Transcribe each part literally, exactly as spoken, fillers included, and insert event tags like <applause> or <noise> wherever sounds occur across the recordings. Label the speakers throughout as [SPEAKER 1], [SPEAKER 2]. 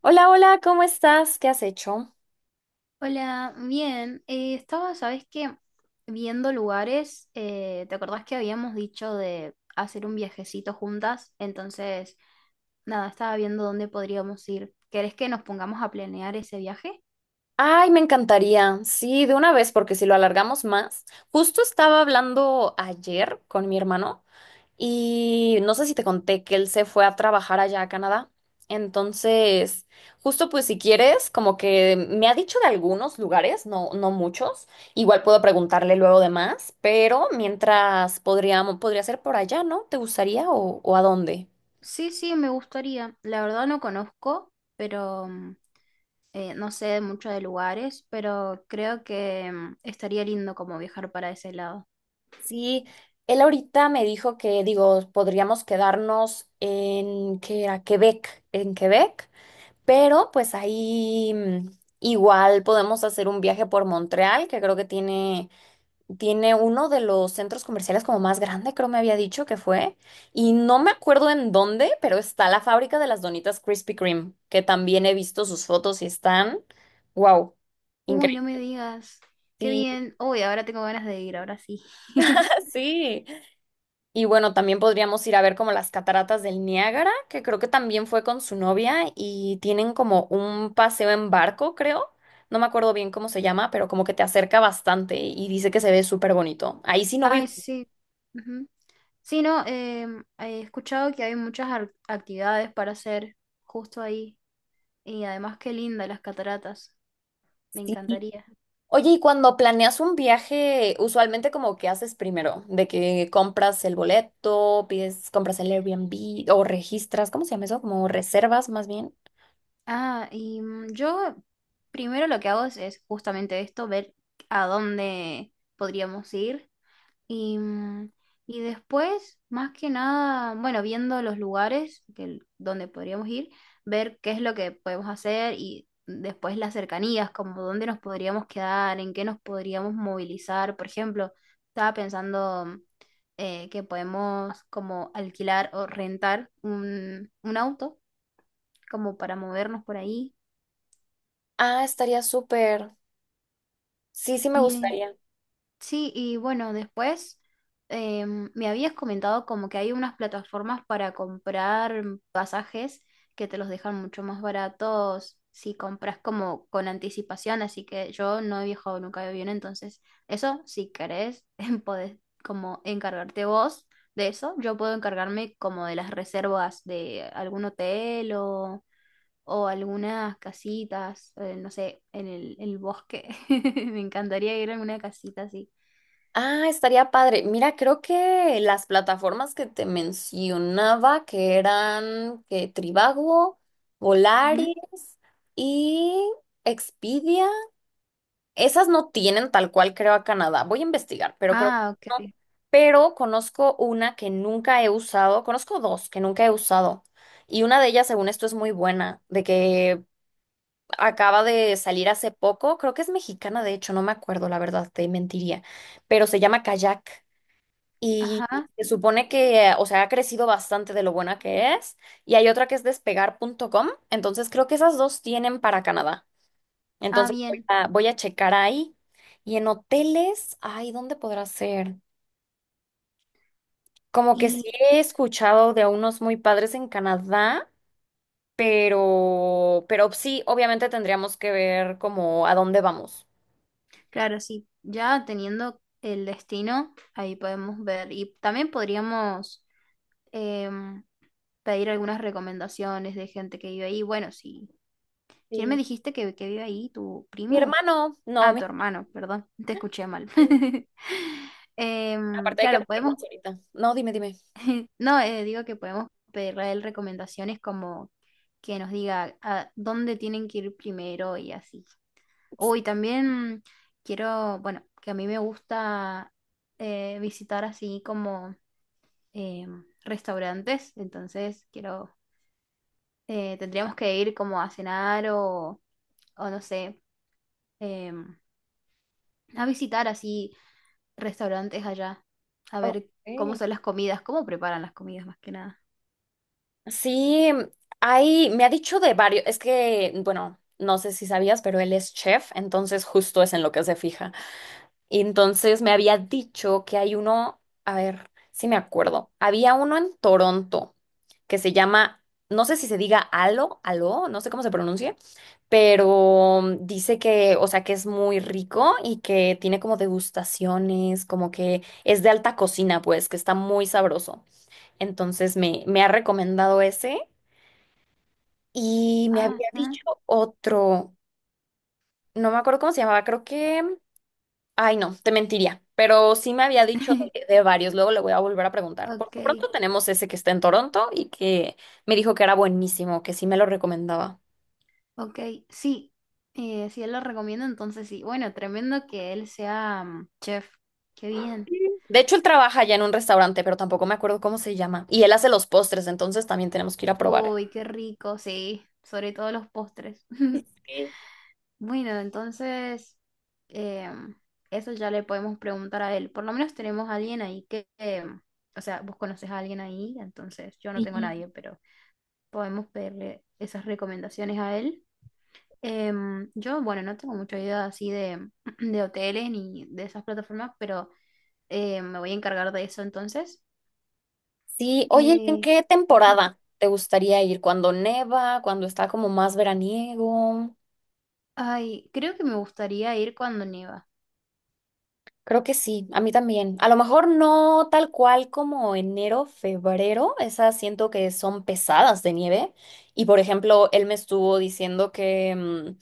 [SPEAKER 1] Hola, hola, ¿cómo estás? ¿Qué has hecho?
[SPEAKER 2] Hola, bien. Eh, estaba, ¿sabes qué? Viendo lugares. Eh, ¿te acordás que habíamos dicho de hacer un viajecito juntas? Entonces, nada, estaba viendo dónde podríamos ir. ¿Querés que nos pongamos a planear ese viaje?
[SPEAKER 1] Ay, me encantaría. Sí, de una vez, porque si lo alargamos más. Justo estaba hablando ayer con mi hermano y no sé si te conté que él se fue a trabajar allá a Canadá. Entonces, justo pues si quieres, como que me ha dicho de algunos lugares, no, no muchos. Igual puedo preguntarle luego de más, pero mientras podríamos, podría ser por allá, ¿no? ¿Te gustaría o, o a dónde?
[SPEAKER 2] Sí, sí, me gustaría. La verdad no conozco, pero mm, eh, no sé mucho de lugares, pero creo que mm, estaría lindo como viajar para ese lado.
[SPEAKER 1] Sí, él ahorita me dijo que, digo, podríamos quedarnos en, ¿que era? Quebec, en Quebec, pero pues ahí mm, igual podemos hacer un viaje por Montreal, que creo que tiene, tiene uno de los centros comerciales como más grande, creo me había dicho que fue, y no me acuerdo en dónde, pero está la fábrica de las donitas Krispy Kreme, que también he visto sus fotos y están, wow,
[SPEAKER 2] Uy, no me
[SPEAKER 1] increíble.
[SPEAKER 2] digas. Qué
[SPEAKER 1] Sí,
[SPEAKER 2] bien. Uy, ahora tengo ganas de ir, ahora sí. <laughs>
[SPEAKER 1] <laughs> sí. Y bueno, también podríamos ir a ver como las cataratas del Niágara, que creo que también fue con su novia y tienen como un paseo en barco, creo. No me acuerdo bien cómo se llama, pero como que te acerca bastante y dice que se ve súper bonito. Ahí sí no
[SPEAKER 2] Ay,
[SPEAKER 1] vi.
[SPEAKER 2] sí. Ujú. Sí, no, em, he escuchado que hay muchas ar- actividades para hacer justo ahí. Y además, qué linda las cataratas. Me
[SPEAKER 1] Sí.
[SPEAKER 2] encantaría.
[SPEAKER 1] Oye, y cuando planeas un viaje, usualmente como que haces primero, de que compras el boleto, pides, compras el Airbnb o registras, ¿cómo se llama eso? Como reservas más bien.
[SPEAKER 2] Ah, y mm, yo primero lo que hago es, es justamente esto, ver a dónde podríamos ir. Y, mm, y después, más que nada, bueno, viendo los lugares que, donde podríamos ir, ver qué es lo que podemos hacer y después las cercanías, como dónde nos podríamos quedar, en qué nos podríamos movilizar. Por ejemplo, estaba pensando mm, eh, que podemos como alquilar o rentar un, un auto como para movernos por ahí.
[SPEAKER 1] Ah, estaría súper. Sí, sí me gustaría.
[SPEAKER 2] Sí, y bueno, después em, me habías comentado como que hay unas plataformas para comprar pasajes que te los dejan mucho más baratos si compras como con anticipación, así que yo no he viajado nunca de avión, entonces eso, si querés, <laughs> podés como encargarte vos de eso. Yo puedo encargarme como de las reservas de algún hotel o, o algunas casitas, eh, no sé, en el, el bosque. <laughs> Me encantaría ir a alguna casita así.
[SPEAKER 1] Ah, estaría padre. Mira, creo que las plataformas que te mencionaba, que eran que Trivago,
[SPEAKER 2] Ujú.
[SPEAKER 1] Volaris y Expedia, esas no tienen tal cual creo a Canadá. Voy a investigar, pero creo que
[SPEAKER 2] Ah,
[SPEAKER 1] no.
[SPEAKER 2] ok.
[SPEAKER 1] Pero conozco una que nunca he usado, conozco dos que nunca he usado. Y una de ellas, según esto, es muy buena, de que acaba de salir hace poco, creo que es mexicana, de hecho, no me acuerdo, la verdad, te mentiría, pero se llama Kayak. Y
[SPEAKER 2] Ajá.
[SPEAKER 1] se supone que, o sea, ha crecido bastante de lo buena que es. Y hay otra que es despegar punto com. Entonces creo que esas dos tienen para Canadá.
[SPEAKER 2] Ah,
[SPEAKER 1] Entonces voy
[SPEAKER 2] bien.
[SPEAKER 1] a, voy a checar ahí. Y en hoteles, ay, ¿dónde podrá ser? Como que
[SPEAKER 2] Y
[SPEAKER 1] sí he escuchado de unos muy padres en Canadá, pero, pero sí, obviamente tendríamos que ver como a dónde vamos.
[SPEAKER 2] claro, sí, ya teniendo el destino, ahí podemos ver. Y también podríamos em, pedir algunas recomendaciones de gente que vive ahí. Bueno, sí. ¿Quién me
[SPEAKER 1] Sí,
[SPEAKER 2] dijiste que, que vive ahí? ¿Tu
[SPEAKER 1] mi
[SPEAKER 2] primo?
[SPEAKER 1] hermano, no,
[SPEAKER 2] Ah,
[SPEAKER 1] mi-
[SPEAKER 2] tu hermano, perdón. Te escuché mal.
[SPEAKER 1] sí.
[SPEAKER 2] <laughs> Em,
[SPEAKER 1] Aparte hay que
[SPEAKER 2] claro, podemos.
[SPEAKER 1] apuntarnos ahorita. No, dime, dime.
[SPEAKER 2] No, eh, digo que podemos pedirle a él recomendaciones como que nos diga a dónde tienen que ir primero y así.
[SPEAKER 1] Sí.
[SPEAKER 2] Uy, también quiero, bueno, que a mí me gusta eh, visitar así como eh, restaurantes, entonces quiero, eh, tendríamos que ir como a cenar o, o no sé, eh, a visitar así restaurantes allá, a ver cómo
[SPEAKER 1] Ok.
[SPEAKER 2] son las comidas, cómo preparan las comidas más que nada.
[SPEAKER 1] Sí, hay, me ha dicho de varios, es que, bueno, no sé si sabías, pero él es chef, entonces justo es en lo que se fija. Y entonces me había dicho que hay uno, a ver, si me acuerdo, había uno en Toronto que se llama, no sé si se diga Alo, Alo, no sé cómo se pronuncia, pero dice que, o sea, que es muy rico y que tiene como degustaciones, como que es de alta cocina, pues, que está muy sabroso. Entonces me, me ha recomendado ese. Y me
[SPEAKER 2] Ah,
[SPEAKER 1] había
[SPEAKER 2] ah,
[SPEAKER 1] dicho otro, no me acuerdo cómo se llamaba, creo que, ay no, te mentiría, pero sí me había dicho
[SPEAKER 2] este,
[SPEAKER 1] de, de varios, luego le voy a volver a preguntar.
[SPEAKER 2] <laughs>
[SPEAKER 1] Por
[SPEAKER 2] ok,
[SPEAKER 1] lo pronto tenemos ese que está en Toronto y que me dijo que era buenísimo, que sí me lo recomendaba.
[SPEAKER 2] ok, sí, eh, si él lo recomienda, entonces sí. Bueno, tremendo que él sea mm, chef, qué bien.
[SPEAKER 1] De hecho, él trabaja ya en un restaurante, pero tampoco me acuerdo cómo se llama. Y él hace los postres, entonces también tenemos que ir a probar.
[SPEAKER 2] Uy, qué rico, sí, sobre todo los postres. <laughs>
[SPEAKER 1] Sí.
[SPEAKER 2] Bueno, entonces, em, eso ya le podemos preguntar a él. Por lo menos tenemos a alguien ahí que, em, o sea, vos conoces a alguien ahí, entonces yo no tengo a
[SPEAKER 1] Sí.
[SPEAKER 2] nadie, pero podemos pedirle esas recomendaciones a él. Em, yo, bueno, no tengo mucha idea así de, <clears throat> de hoteles ni de esas plataformas, pero eh, me voy a encargar de eso entonces.
[SPEAKER 1] Sí, oye, ¿en
[SPEAKER 2] Eh,
[SPEAKER 1] qué
[SPEAKER 2] ujú.
[SPEAKER 1] temporada te gustaría ir? ¿Cuando neva? ¿Cuando está como más veraniego?
[SPEAKER 2] Ay, creo que me gustaría ir cuando nieva.
[SPEAKER 1] Creo que sí, a mí también. A lo mejor no tal cual como enero, febrero, esas siento que son pesadas de nieve. Y por ejemplo, él me estuvo diciendo que mm,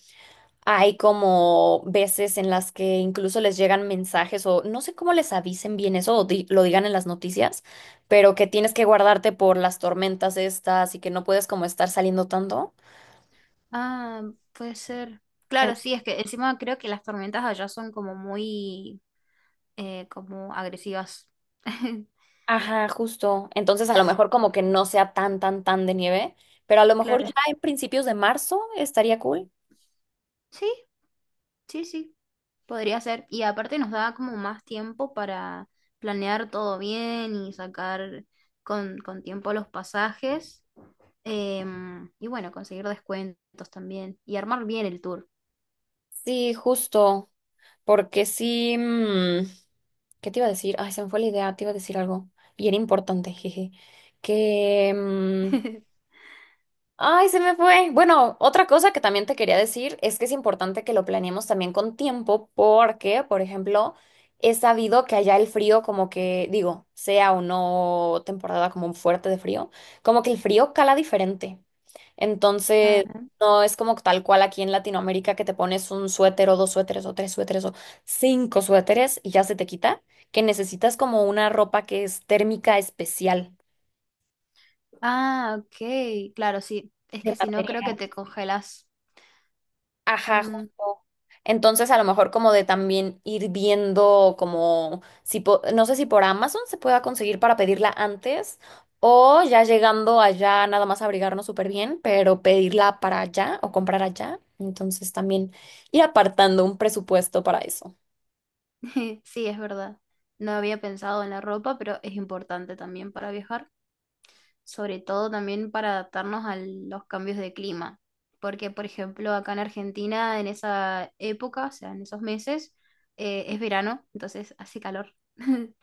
[SPEAKER 1] hay como veces en las que incluso les llegan mensajes o no sé cómo les avisen bien eso o di- lo digan en las noticias, pero que tienes que guardarte por las tormentas estas y que no puedes como estar saliendo tanto.
[SPEAKER 2] Ah, puede ser. Claro, sí, es que encima creo que las tormentas allá son como muy eh, como agresivas. <laughs>
[SPEAKER 1] Ajá, justo. Entonces, a lo
[SPEAKER 2] Así
[SPEAKER 1] mejor
[SPEAKER 2] que,
[SPEAKER 1] como que no sea tan, tan, tan de nieve, pero a lo mejor ya
[SPEAKER 2] claro.
[SPEAKER 1] en principios de marzo estaría cool.
[SPEAKER 2] Sí, sí, sí, podría ser. Y aparte nos da como más tiempo para planear todo bien y sacar con, con tiempo los pasajes. Em, y bueno, conseguir descuentos también y armar bien el tour.
[SPEAKER 1] Sí, justo. Porque sí. mm, ¿Qué te iba a decir? Ay, se me fue la idea, te iba a decir algo. Y era importante, jeje. Que. mm,
[SPEAKER 2] <laughs>
[SPEAKER 1] Ay, se me fue. Bueno, otra cosa que también te quería decir es que es importante que lo planeemos también con tiempo porque, por ejemplo, he sabido que allá el frío como que, digo, sea o no temporada como fuerte de frío, como que el frío cala diferente. Entonces,
[SPEAKER 2] Ah,
[SPEAKER 1] no es como tal cual aquí en Latinoamérica que te pones un suéter o dos suéteres o tres suéteres o cinco suéteres y ya se te quita, que necesitas como una ropa que es térmica especial
[SPEAKER 2] ah, ok, claro, sí. Es
[SPEAKER 1] de
[SPEAKER 2] que si no, creo que
[SPEAKER 1] material.
[SPEAKER 2] te congelas.
[SPEAKER 1] Ajá,
[SPEAKER 2] Mm,
[SPEAKER 1] justo. Entonces, a lo mejor como de también ir viendo como si po- no sé si por Amazon se pueda conseguir para pedirla antes o ya llegando allá nada más abrigarnos súper bien, pero pedirla para allá o comprar allá. Entonces, también ir apartando un presupuesto para eso.
[SPEAKER 2] <laughs> sí, es verdad. No había pensado en la ropa, pero es importante también para viajar, sobre todo también para adaptarnos a los cambios de clima, porque por ejemplo acá en Argentina en esa época, o sea, en esos meses, eh, es verano, entonces hace calor, <laughs>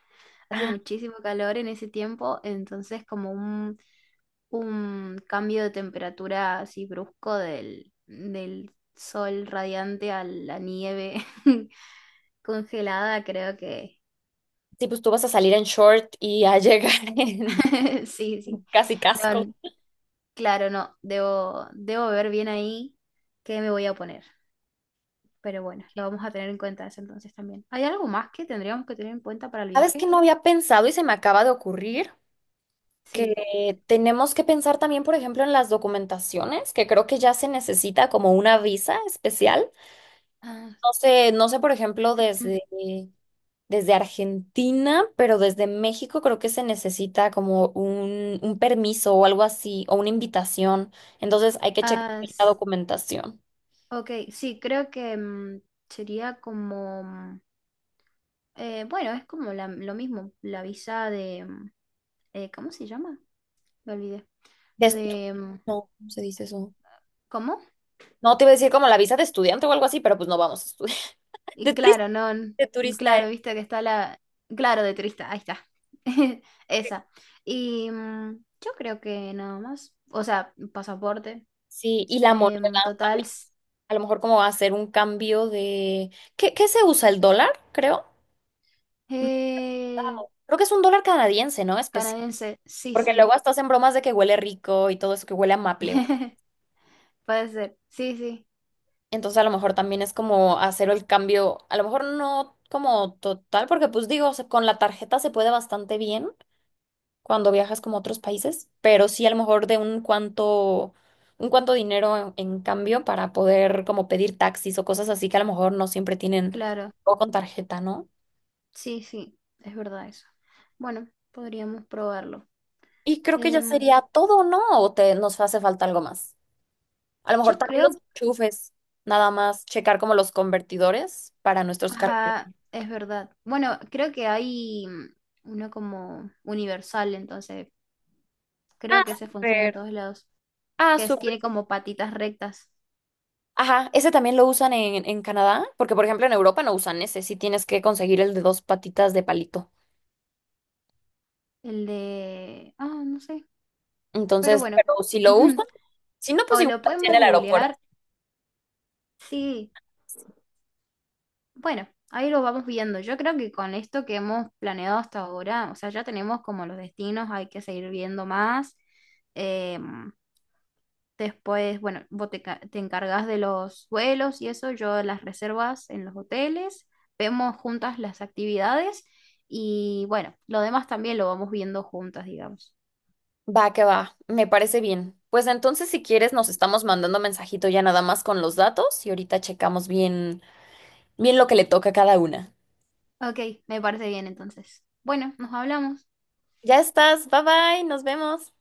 [SPEAKER 2] hace
[SPEAKER 1] Ah,
[SPEAKER 2] muchísimo calor en ese tiempo, entonces como un, un cambio de temperatura así brusco del, del sol radiante a la nieve <laughs> congelada, creo que
[SPEAKER 1] sí, pues tú vas a salir en short y a llegar <laughs> en
[SPEAKER 2] <laughs> sí, sí.
[SPEAKER 1] casi
[SPEAKER 2] No,
[SPEAKER 1] casco.
[SPEAKER 2] n- claro, no. Debo, debo ver bien ahí qué me voy a poner. Pero bueno, lo vamos a tener en cuenta eso entonces también. ¿Hay algo más que tendríamos que tener en cuenta para el
[SPEAKER 1] ¿Sabes qué
[SPEAKER 2] viaje?
[SPEAKER 1] no había pensado y se me acaba de ocurrir?
[SPEAKER 2] Sí.
[SPEAKER 1] Que tenemos que pensar también, por ejemplo, en las documentaciones, que creo que ya se necesita como una visa especial.
[SPEAKER 2] Ah,
[SPEAKER 1] No sé, no sé, por ejemplo, desde,
[SPEAKER 2] <clears throat>
[SPEAKER 1] desde Argentina, pero desde México creo que se necesita como un, un permiso o algo así, o una invitación. Entonces hay que checar
[SPEAKER 2] ah,
[SPEAKER 1] la
[SPEAKER 2] s-
[SPEAKER 1] documentación.
[SPEAKER 2] ok, sí, creo que mm, sería como... mm, eh, bueno, es como la- lo mismo, la visa de... mm, eh, ¿cómo se llama? Me olvidé.
[SPEAKER 1] De estu-
[SPEAKER 2] De... mm,
[SPEAKER 1] no, ¿cómo se dice eso?
[SPEAKER 2] ¿cómo?
[SPEAKER 1] No, te iba a decir como la visa de estudiante o algo así, pero pues no vamos a estudiar. <laughs> De
[SPEAKER 2] Y
[SPEAKER 1] turista,
[SPEAKER 2] claro, no, n-
[SPEAKER 1] de turista. Eh.
[SPEAKER 2] claro, viste que está la, claro, de turista, ahí está, <laughs> esa. Y mm, yo creo que nada más, o sea, pasaporte,
[SPEAKER 1] Sí, y la moneda.
[SPEAKER 2] em, total, s-
[SPEAKER 1] A lo mejor como va a ser un cambio de... ¿Qué, qué se usa? ¿El dólar? Creo. Mm,
[SPEAKER 2] eh,
[SPEAKER 1] wow. Creo que es un dólar canadiense, ¿no? Especial.
[SPEAKER 2] canadiense, sí,
[SPEAKER 1] Porque
[SPEAKER 2] sí,
[SPEAKER 1] luego hasta hacen bromas de que huele rico y todo eso, que huele a maple.
[SPEAKER 2] <laughs> puede ser, sí, sí,
[SPEAKER 1] Entonces a lo mejor también es como hacer el cambio, a lo mejor no como total, porque pues digo, se- con la tarjeta se puede bastante bien cuando viajas como a otros países, pero sí a lo mejor de un cuanto, un cuanto dinero en, en cambio para poder como pedir taxis o cosas así que a lo mejor no siempre tienen
[SPEAKER 2] claro,
[SPEAKER 1] o con tarjeta, ¿no?
[SPEAKER 2] sí, sí, es verdad eso. Bueno, podríamos probarlo.
[SPEAKER 1] Y creo que ya
[SPEAKER 2] Em,
[SPEAKER 1] sería todo, ¿no? ¿O te, nos hace falta algo más? A lo mejor
[SPEAKER 2] yo
[SPEAKER 1] también los
[SPEAKER 2] creo,
[SPEAKER 1] enchufes, nada más checar como los convertidores para nuestros carros.
[SPEAKER 2] ajá, es verdad. Bueno, creo que hay mm, uno como universal, entonces
[SPEAKER 1] Ah,
[SPEAKER 2] creo que ese funciona en
[SPEAKER 1] súper.
[SPEAKER 2] todos lados.
[SPEAKER 1] Ah,
[SPEAKER 2] Que es-
[SPEAKER 1] súper.
[SPEAKER 2] tiene como patitas rectas.
[SPEAKER 1] Ajá, ese también lo usan en, en Canadá, porque por ejemplo en Europa no usan ese, sí tienes que conseguir el de dos patitas de palito.
[SPEAKER 2] El de... Ah, no sé. Pero
[SPEAKER 1] Entonces,
[SPEAKER 2] bueno.
[SPEAKER 1] pero si lo usan,
[SPEAKER 2] <laughs>
[SPEAKER 1] si no, pues
[SPEAKER 2] O
[SPEAKER 1] igual
[SPEAKER 2] lo
[SPEAKER 1] aquí
[SPEAKER 2] podemos
[SPEAKER 1] en el aeropuerto.
[SPEAKER 2] googlear. Sí. Bueno, ahí lo vamos viendo. Yo creo que con esto que hemos planeado hasta ahora, o sea, ya tenemos como los destinos, hay que seguir viendo más. em, Después, bueno, vos te, ca- te encargas de los vuelos y eso, yo las reservas en los hoteles, vemos juntas las actividades y bueno, lo demás también lo vamos viendo juntas, digamos.
[SPEAKER 1] Va que va, me parece bien. Pues entonces, si quieres, nos estamos mandando mensajito ya nada más con los datos y ahorita checamos bien, bien lo que le toca a cada una.
[SPEAKER 2] Ok, me parece bien entonces. Bueno, nos hablamos.
[SPEAKER 1] Ya estás, bye bye, nos vemos.